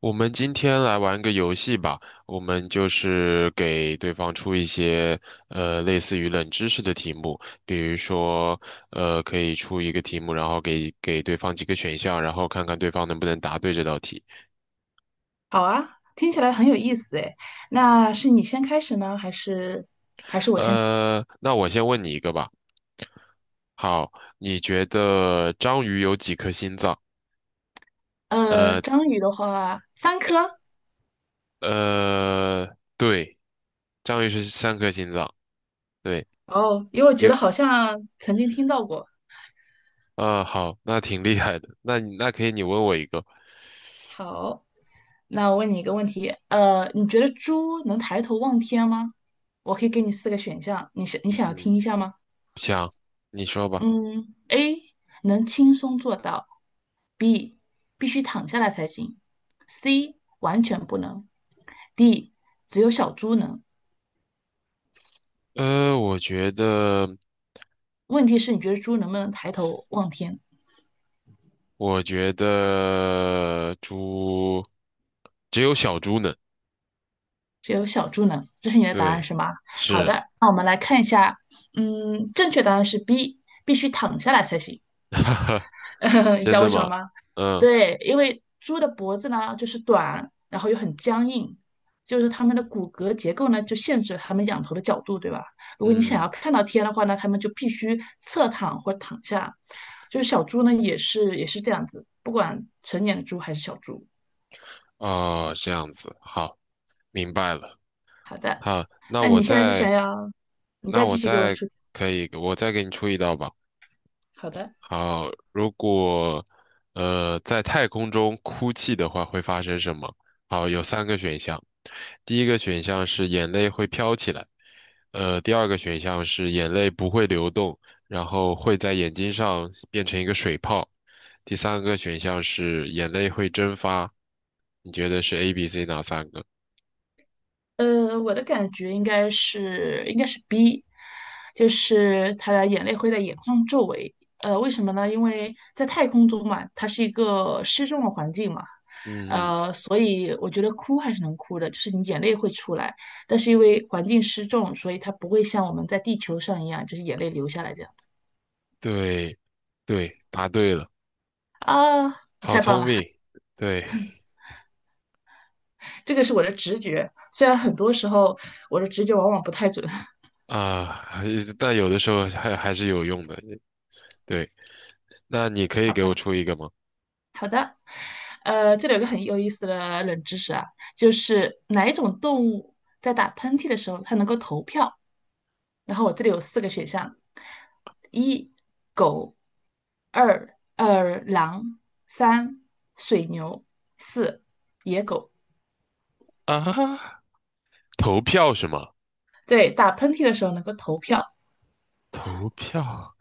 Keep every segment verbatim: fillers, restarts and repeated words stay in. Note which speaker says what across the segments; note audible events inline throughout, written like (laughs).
Speaker 1: 我们今天来玩个游戏吧，我们就是给对方出一些呃类似于冷知识的题目，比如说呃可以出一个题目，然后给给对方几个选项，然后看看对方能不能答对这道题。
Speaker 2: 好啊，听起来很有意思诶。那是你先开始呢，还是
Speaker 1: 呃，那我先问你一个吧。好，你觉得章鱼有几颗心脏？
Speaker 2: 呃，
Speaker 1: 呃
Speaker 2: 章鱼的话，三颗。
Speaker 1: 呃，对，章鱼是三颗心脏。对，
Speaker 2: 哦，因为我觉
Speaker 1: 有
Speaker 2: 得好像曾经听到过。
Speaker 1: 呃好，那挺厉害的。那你那可以，你问我一个。
Speaker 2: 好，那我问你一个问题，呃，你觉得猪能抬头望天吗？我可以给你四个选项，你想你想要
Speaker 1: 嗯。
Speaker 2: 听一下吗？
Speaker 1: 想，你说吧。
Speaker 2: 嗯，A 能轻松做到，B 必须躺下来才行，C 完全不能，D 只有小猪能。
Speaker 1: 呃，我觉得，
Speaker 2: 问题是你觉得猪能不能抬头望天？
Speaker 1: 我觉得猪只有小猪能。
Speaker 2: 只有小猪能，这是你的答案
Speaker 1: 对，
Speaker 2: 是吗？好
Speaker 1: 是，
Speaker 2: 的，嗯，正确答案是 B,必须躺下来才行。
Speaker 1: (laughs)
Speaker 2: (laughs) 你知
Speaker 1: 真
Speaker 2: 道
Speaker 1: 的
Speaker 2: 为什么
Speaker 1: 吗？
Speaker 2: 吗？
Speaker 1: 嗯
Speaker 2: 对，因为猪的脖子呢就是短，然后又很僵硬，就是它们的骨骼结构呢就限制了它们仰头的角度，对吧？如果你想要
Speaker 1: 嗯，
Speaker 2: 看到天的话呢，它们就必须侧躺或躺下。就是小猪呢也是也是这样子，不管成年的猪还是小猪。
Speaker 1: 哦，这样子，好，明白了。
Speaker 2: 好的，
Speaker 1: 好，那
Speaker 2: 那
Speaker 1: 我
Speaker 2: 你现在是想
Speaker 1: 再，
Speaker 2: 要你
Speaker 1: 那
Speaker 2: 再继
Speaker 1: 我
Speaker 2: 续给我
Speaker 1: 再
Speaker 2: 出？
Speaker 1: 可以，我再给你出一道吧。
Speaker 2: 好的，
Speaker 1: 好，如果呃在太空中哭泣的话，会发生什么？好，有三个选项。第一个选项是眼泪会飘起来，呃，第二个选项是眼泪不会流动，然后会在眼睛上变成一个水泡。第三个选项是眼泪会蒸发。你觉得是 A、B、C 哪三个？
Speaker 2: 呃，我的感觉应该是应该是 B,就是他的眼泪会在眼眶周围。呃，为什么呢？因为在太空中嘛，它是一个失重的环境嘛，
Speaker 1: 嗯，
Speaker 2: 呃，所以我觉得哭还是能哭的，就是你眼泪会出来，但是因为环境失重，所以它不会像我们在地球上一样，就是眼泪流下来这样子。
Speaker 1: 对，对，答对了，
Speaker 2: 啊，
Speaker 1: 好
Speaker 2: 太棒
Speaker 1: 聪
Speaker 2: 了。
Speaker 1: 明。对，
Speaker 2: 这个是我的直觉，虽然很多时候我的直觉往往不太准，
Speaker 1: 啊，还但有的时候还还是有用的。对，那你可
Speaker 2: (laughs)
Speaker 1: 以
Speaker 2: 好
Speaker 1: 给我
Speaker 2: 吧？
Speaker 1: 出一个吗？
Speaker 2: 呃，这里有个很有意思的冷知识啊，就是哪一种动物在打喷嚏的时候它能够投票？然后我这里有四个选项：一、狗；二、二狼；三、水牛；四、野狗。
Speaker 1: 啊，投票是吗？
Speaker 2: 对，打喷嚏的时候能够投票。
Speaker 1: 投票，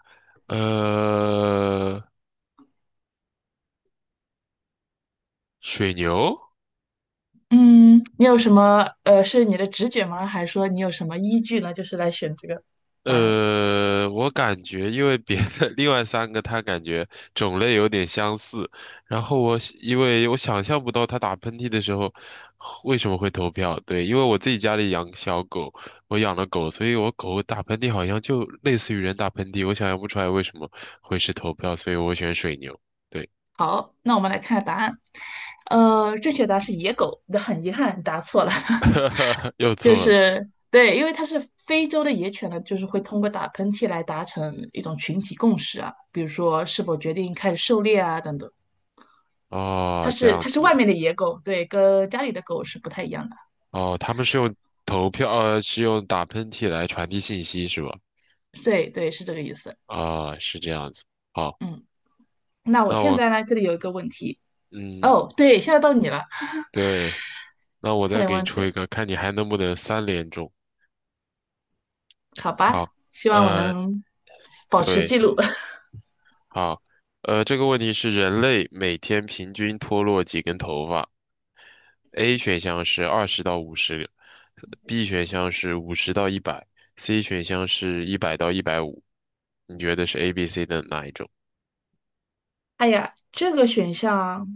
Speaker 1: 呃，水牛，
Speaker 2: 嗯，你有什么呃，是你的直觉吗？还是说你有什么依据呢？就是来选这个答案。
Speaker 1: 呃，我感觉因为别的 (laughs) 另外三个，它感觉种类有点相似，然后我想因为我想象不到它打喷嚏的时候为什么会投票。对，因为我自己家里养小狗，我养了狗，所以我狗打喷嚏好像就类似于人打喷嚏，我想象不出来为什么会是投票，所以我选水牛。对，
Speaker 2: 好，那我们来看下答案。呃，正确答案是野狗，那很遗憾答错了。(laughs)
Speaker 1: (laughs) 又
Speaker 2: 就
Speaker 1: 错了。
Speaker 2: 是对，因为它是非洲的野犬呢，就是会通过打喷嚏来达成一种群体共识啊，比如说是否决定开始狩猎啊等等。它
Speaker 1: 哦，这
Speaker 2: 是
Speaker 1: 样
Speaker 2: 它是外
Speaker 1: 子。
Speaker 2: 面的野狗，对，跟家里的狗是不太一样的。
Speaker 1: 哦，他们是用投票，呃，是用打喷嚏来传递信息是吧？
Speaker 2: 对对，是这个意思。
Speaker 1: 啊、是这样子。好。
Speaker 2: 嗯，那我
Speaker 1: 那
Speaker 2: 现
Speaker 1: 我，
Speaker 2: 在呢，这里有一个问题。
Speaker 1: 嗯，
Speaker 2: 哦，对，现在到你了，
Speaker 1: 对，那我
Speaker 2: 差
Speaker 1: 再
Speaker 2: 点
Speaker 1: 给你
Speaker 2: 忘记。
Speaker 1: 出一个，看你还能不能三连中。
Speaker 2: 好吧，
Speaker 1: 好，
Speaker 2: 希望我
Speaker 1: 呃，
Speaker 2: 能保持记录。
Speaker 1: 对，
Speaker 2: (laughs)
Speaker 1: 好，呃，这个问题是人类每天平均脱落几根头发？A 选项是二十到五十，B 选项是五十到一百，C 选项是一百到一百五。你觉得是 A、B、C 的哪一种？
Speaker 2: 哎呀，这个选项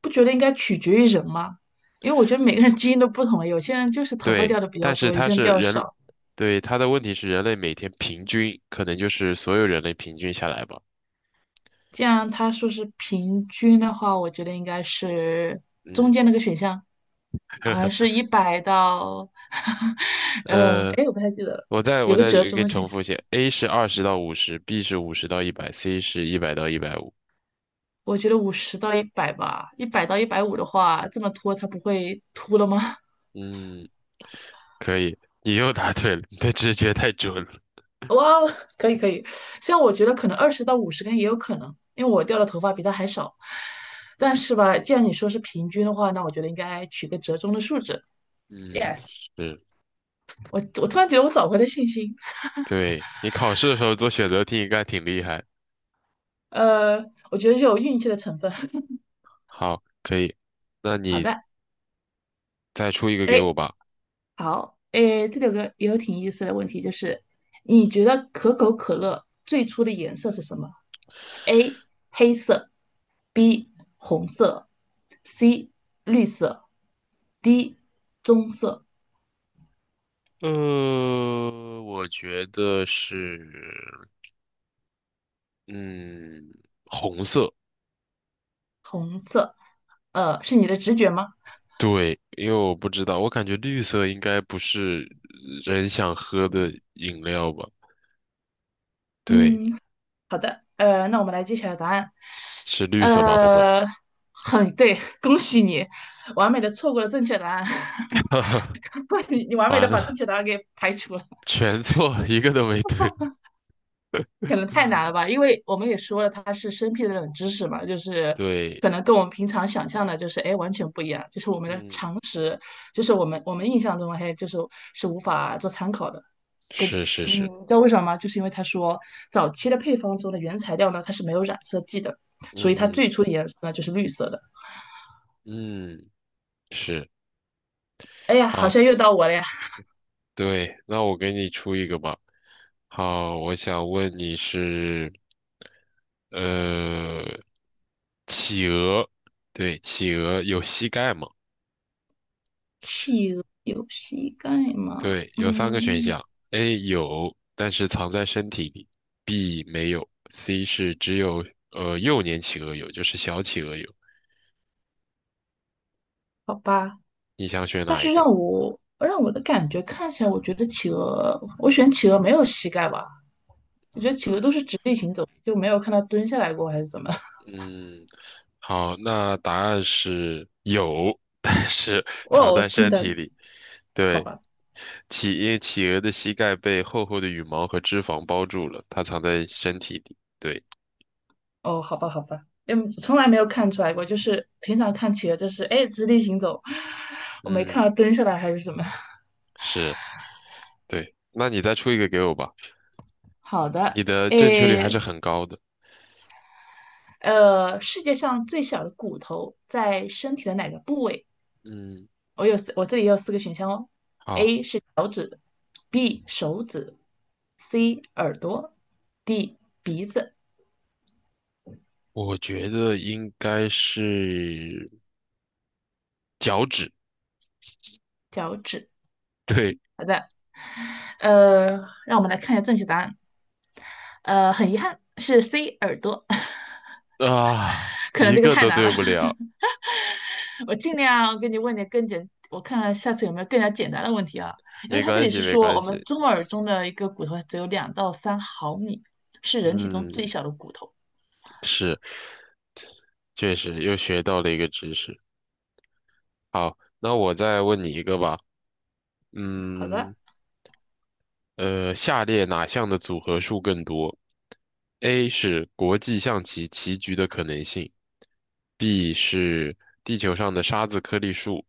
Speaker 2: 不觉得应该取决于人吗？因为我觉得每个人基因都不同，有些人就是头发掉
Speaker 1: 对，
Speaker 2: 的比较
Speaker 1: 但是
Speaker 2: 多，有
Speaker 1: 它
Speaker 2: 些人
Speaker 1: 是
Speaker 2: 掉的
Speaker 1: 人，
Speaker 2: 少。
Speaker 1: 对，它的问题是人类每天平均，可能就是所有人类平均下来吧。
Speaker 2: 既然他说是平均的话，我觉得应该是中
Speaker 1: 嗯，
Speaker 2: 间那个选项，好像
Speaker 1: (laughs)
Speaker 2: 是一百到，(laughs) 嗯，
Speaker 1: 呃。
Speaker 2: 哎，我不太记得了，
Speaker 1: 我再
Speaker 2: 有
Speaker 1: 我
Speaker 2: 个
Speaker 1: 再
Speaker 2: 折
Speaker 1: 给
Speaker 2: 中
Speaker 1: 你
Speaker 2: 的选
Speaker 1: 重
Speaker 2: 项。
Speaker 1: 复一下 a 是二十到五十，B 是五十到一百，C 是一百到一百五。
Speaker 2: 我觉得五十到一百吧，一百到一百五的话，这么拖它不会秃了吗？
Speaker 1: 嗯，可以，你又答对了，你的直觉太准了。
Speaker 2: 哇哦，(laughs) 可以可以，像我觉得可能二十到五十根也有可能，因为我掉的头发比他还少。但是吧，既然你说是平均的话，那我觉得应该取个折中的数值。耶，
Speaker 1: 嗯，是，
Speaker 2: 我我突然觉得我找回了信心。
Speaker 1: 对，你考试的时候做选择题应该挺厉害。
Speaker 2: 呃，我觉得就有运气的成分。(laughs)
Speaker 1: 好，可以，那
Speaker 2: 好
Speaker 1: 你
Speaker 2: 的，
Speaker 1: 再出一个给
Speaker 2: 哎，
Speaker 1: 我吧。
Speaker 2: 好，哎，这里有个也有挺有意思的问题，就是你觉得可口可乐最初的颜色是什么？A 黑色，B 红色，C 绿色，D 棕色
Speaker 1: 呃，我觉得是，嗯，红色，
Speaker 2: 色。呃，是你的直觉吗？
Speaker 1: 对，因为我不知道，我感觉绿色应该不是人想喝的饮料吧？对。
Speaker 2: 嗯，好的。呃，那我们来揭晓答案。
Speaker 1: 是绿色吧？不会，
Speaker 2: 呃，很对，恭喜你，完美的错过了正确答案。
Speaker 1: (laughs)
Speaker 2: (laughs) 你你完美的
Speaker 1: 完
Speaker 2: 把正
Speaker 1: 了，
Speaker 2: 确答案给排除了。
Speaker 1: 全错，一个都没对。
Speaker 2: 可能太难了吧，因为我们也说了，它是生僻的冷知识嘛，就是
Speaker 1: 对，
Speaker 2: 可能跟我们平常想象的，就是哎完全不一样，就是我们的
Speaker 1: 嗯，
Speaker 2: 常识，就是我们我们印象中嘿，就是是无法做参考的。跟
Speaker 1: 是是
Speaker 2: 嗯，
Speaker 1: 是，
Speaker 2: 你知道为什么吗？就是因为他说早期的配方中的原材料呢，它是没有染色剂的，
Speaker 1: 嗯
Speaker 2: 所以它
Speaker 1: 嗯
Speaker 2: 最初的颜色呢就是绿色的。
Speaker 1: 嗯，是，
Speaker 2: 哎呀，好
Speaker 1: 好，
Speaker 2: 像又到我了呀，
Speaker 1: 对，那我给你出一个吧。好，我想问你是，呃，企鹅，对，企鹅有膝盖吗？
Speaker 2: 有膝盖吗？
Speaker 1: 对，有三个选
Speaker 2: 嗯，
Speaker 1: 项：A 有，但是藏在身体里；B 没有；C 是只有呃幼年企鹅有，就是小企鹅有。
Speaker 2: 好吧。
Speaker 1: 你想选
Speaker 2: 但
Speaker 1: 哪一
Speaker 2: 是让
Speaker 1: 个？
Speaker 2: 我让我的感觉看起来，我觉得企鹅，我选企鹅没有膝盖吧？我觉得企鹅都是直立行走，就没有看它蹲下来过还是怎么？
Speaker 1: 嗯，好，那答案是有，但是
Speaker 2: (laughs)
Speaker 1: (laughs) 藏
Speaker 2: 哦，我
Speaker 1: 在
Speaker 2: 听
Speaker 1: 身
Speaker 2: 的
Speaker 1: 体里。
Speaker 2: 好
Speaker 1: 对，
Speaker 2: 吧，
Speaker 1: 企，因为企鹅的膝盖被厚厚的羽毛和脂肪包住了，它藏在身体里。对，
Speaker 2: 哦，好吧，好吧，嗯，从来没有看出来过，就是平常看企鹅就是哎直立行走，我没看
Speaker 1: 嗯，
Speaker 2: 到蹲下来还是怎么。
Speaker 1: 是，对。那你再出一个给我吧，
Speaker 2: (laughs) 好的，
Speaker 1: 你的正确率还
Speaker 2: 哎，
Speaker 1: 是很高的。
Speaker 2: 呃，世界上最小的骨头在身体的哪个部位？
Speaker 1: 嗯。
Speaker 2: 我有四，我这里也有四个选项哦。
Speaker 1: 啊，
Speaker 2: B 手指，C 耳朵，D 鼻子、
Speaker 1: 我觉得应该是脚趾。
Speaker 2: 脚趾。
Speaker 1: 对
Speaker 2: 好的，呃，让我们来看一下正确答案。呃，很遗憾是 C 耳朵，(laughs)
Speaker 1: 啊，
Speaker 2: 可能
Speaker 1: 一
Speaker 2: 这个
Speaker 1: 个
Speaker 2: 太
Speaker 1: 都
Speaker 2: 难了。
Speaker 1: 对不了，
Speaker 2: (laughs) 我尽量给你问点更简，我看看下次有没有更加简单的问题啊？因为
Speaker 1: 没
Speaker 2: 它这
Speaker 1: 关
Speaker 2: 里
Speaker 1: 系，
Speaker 2: 是
Speaker 1: 没
Speaker 2: 说
Speaker 1: 关
Speaker 2: 我们
Speaker 1: 系。
Speaker 2: 中耳中的一个骨头只有两到三毫米，是人体中最
Speaker 1: 嗯，
Speaker 2: 小的骨头。
Speaker 1: 是，确实又学到了一个知识。好，那我再问你一个吧。
Speaker 2: 好的，
Speaker 1: 嗯，呃，下列哪项的组合数更多？A 是国际象棋棋局的可能性，B 是地球上的沙子颗粒数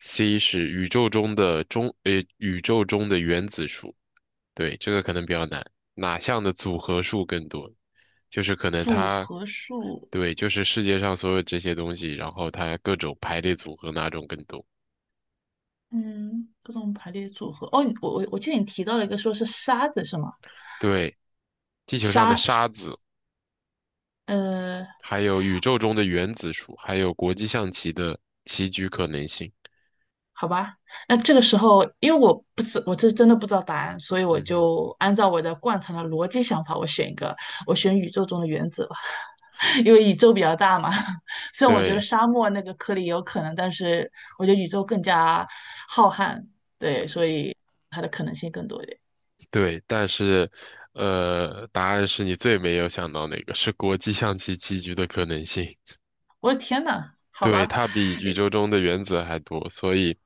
Speaker 1: ，C 是宇宙中的中，呃，宇宙中的原子数。对，这个可能比较难。哪项的组合数更多？就是可能
Speaker 2: 组
Speaker 1: 它，
Speaker 2: 合数
Speaker 1: 对，就是世界上所有这些东西，然后它各种排列组合哪种更多？
Speaker 2: 嗯，各种排列组合。哦，你我我我记得你提到了一个说是沙子是吗？
Speaker 1: 对，地球上的沙子。
Speaker 2: 呃，
Speaker 1: 还有宇宙中的原子数，还有国际象棋的棋局可能性。
Speaker 2: 好吧，那这个时候因为我不是我这真的不知道答案，所以我
Speaker 1: 嗯哼，
Speaker 2: 就按照我的惯常的逻辑想法，我选一个，我选宇宙中的原子吧，(laughs) 因为宇宙比较大嘛。(laughs) 虽然我觉得
Speaker 1: 对
Speaker 2: 沙漠那个颗粒也有可能，但是我觉得宇宙更加浩瀚，对，所以它的可能性更多一点。
Speaker 1: 对，但是，呃，答案是你最没有想到哪个是国际象棋棋局的可能性。
Speaker 2: 我的天呐，好
Speaker 1: 对，
Speaker 2: 吧，
Speaker 1: 它比宇宙中的原子还多，所以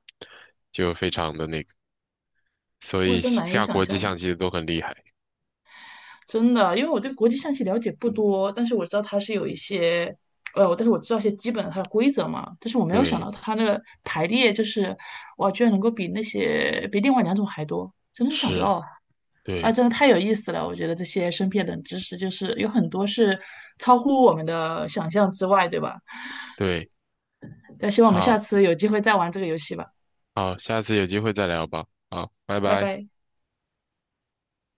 Speaker 1: 就非常的那个，所
Speaker 2: 我
Speaker 1: 以
Speaker 2: 真难以
Speaker 1: 下
Speaker 2: 想
Speaker 1: 国际
Speaker 2: 象呢。
Speaker 1: 象棋的都很厉害。
Speaker 2: 真的，因为我对国际象棋了解不多，但是我知道它是有一些，呃，但是我知道一些基本的它的规则嘛，但是我没有想到
Speaker 1: 对，
Speaker 2: 它那个排列就是，哇，居然能够比那些比另外两种还多，真的是想不
Speaker 1: 是，
Speaker 2: 到啊！啊，
Speaker 1: 对
Speaker 2: 真的太有意思了，我觉得这些身边的冷知识就是有很多是超乎我们的想象之外，对吧？
Speaker 1: 对，
Speaker 2: 那希望我们下
Speaker 1: 好
Speaker 2: 次有机会再玩这个游戏吧，
Speaker 1: 好，下次有机会再聊吧。好，拜
Speaker 2: 拜
Speaker 1: 拜。
Speaker 2: 拜。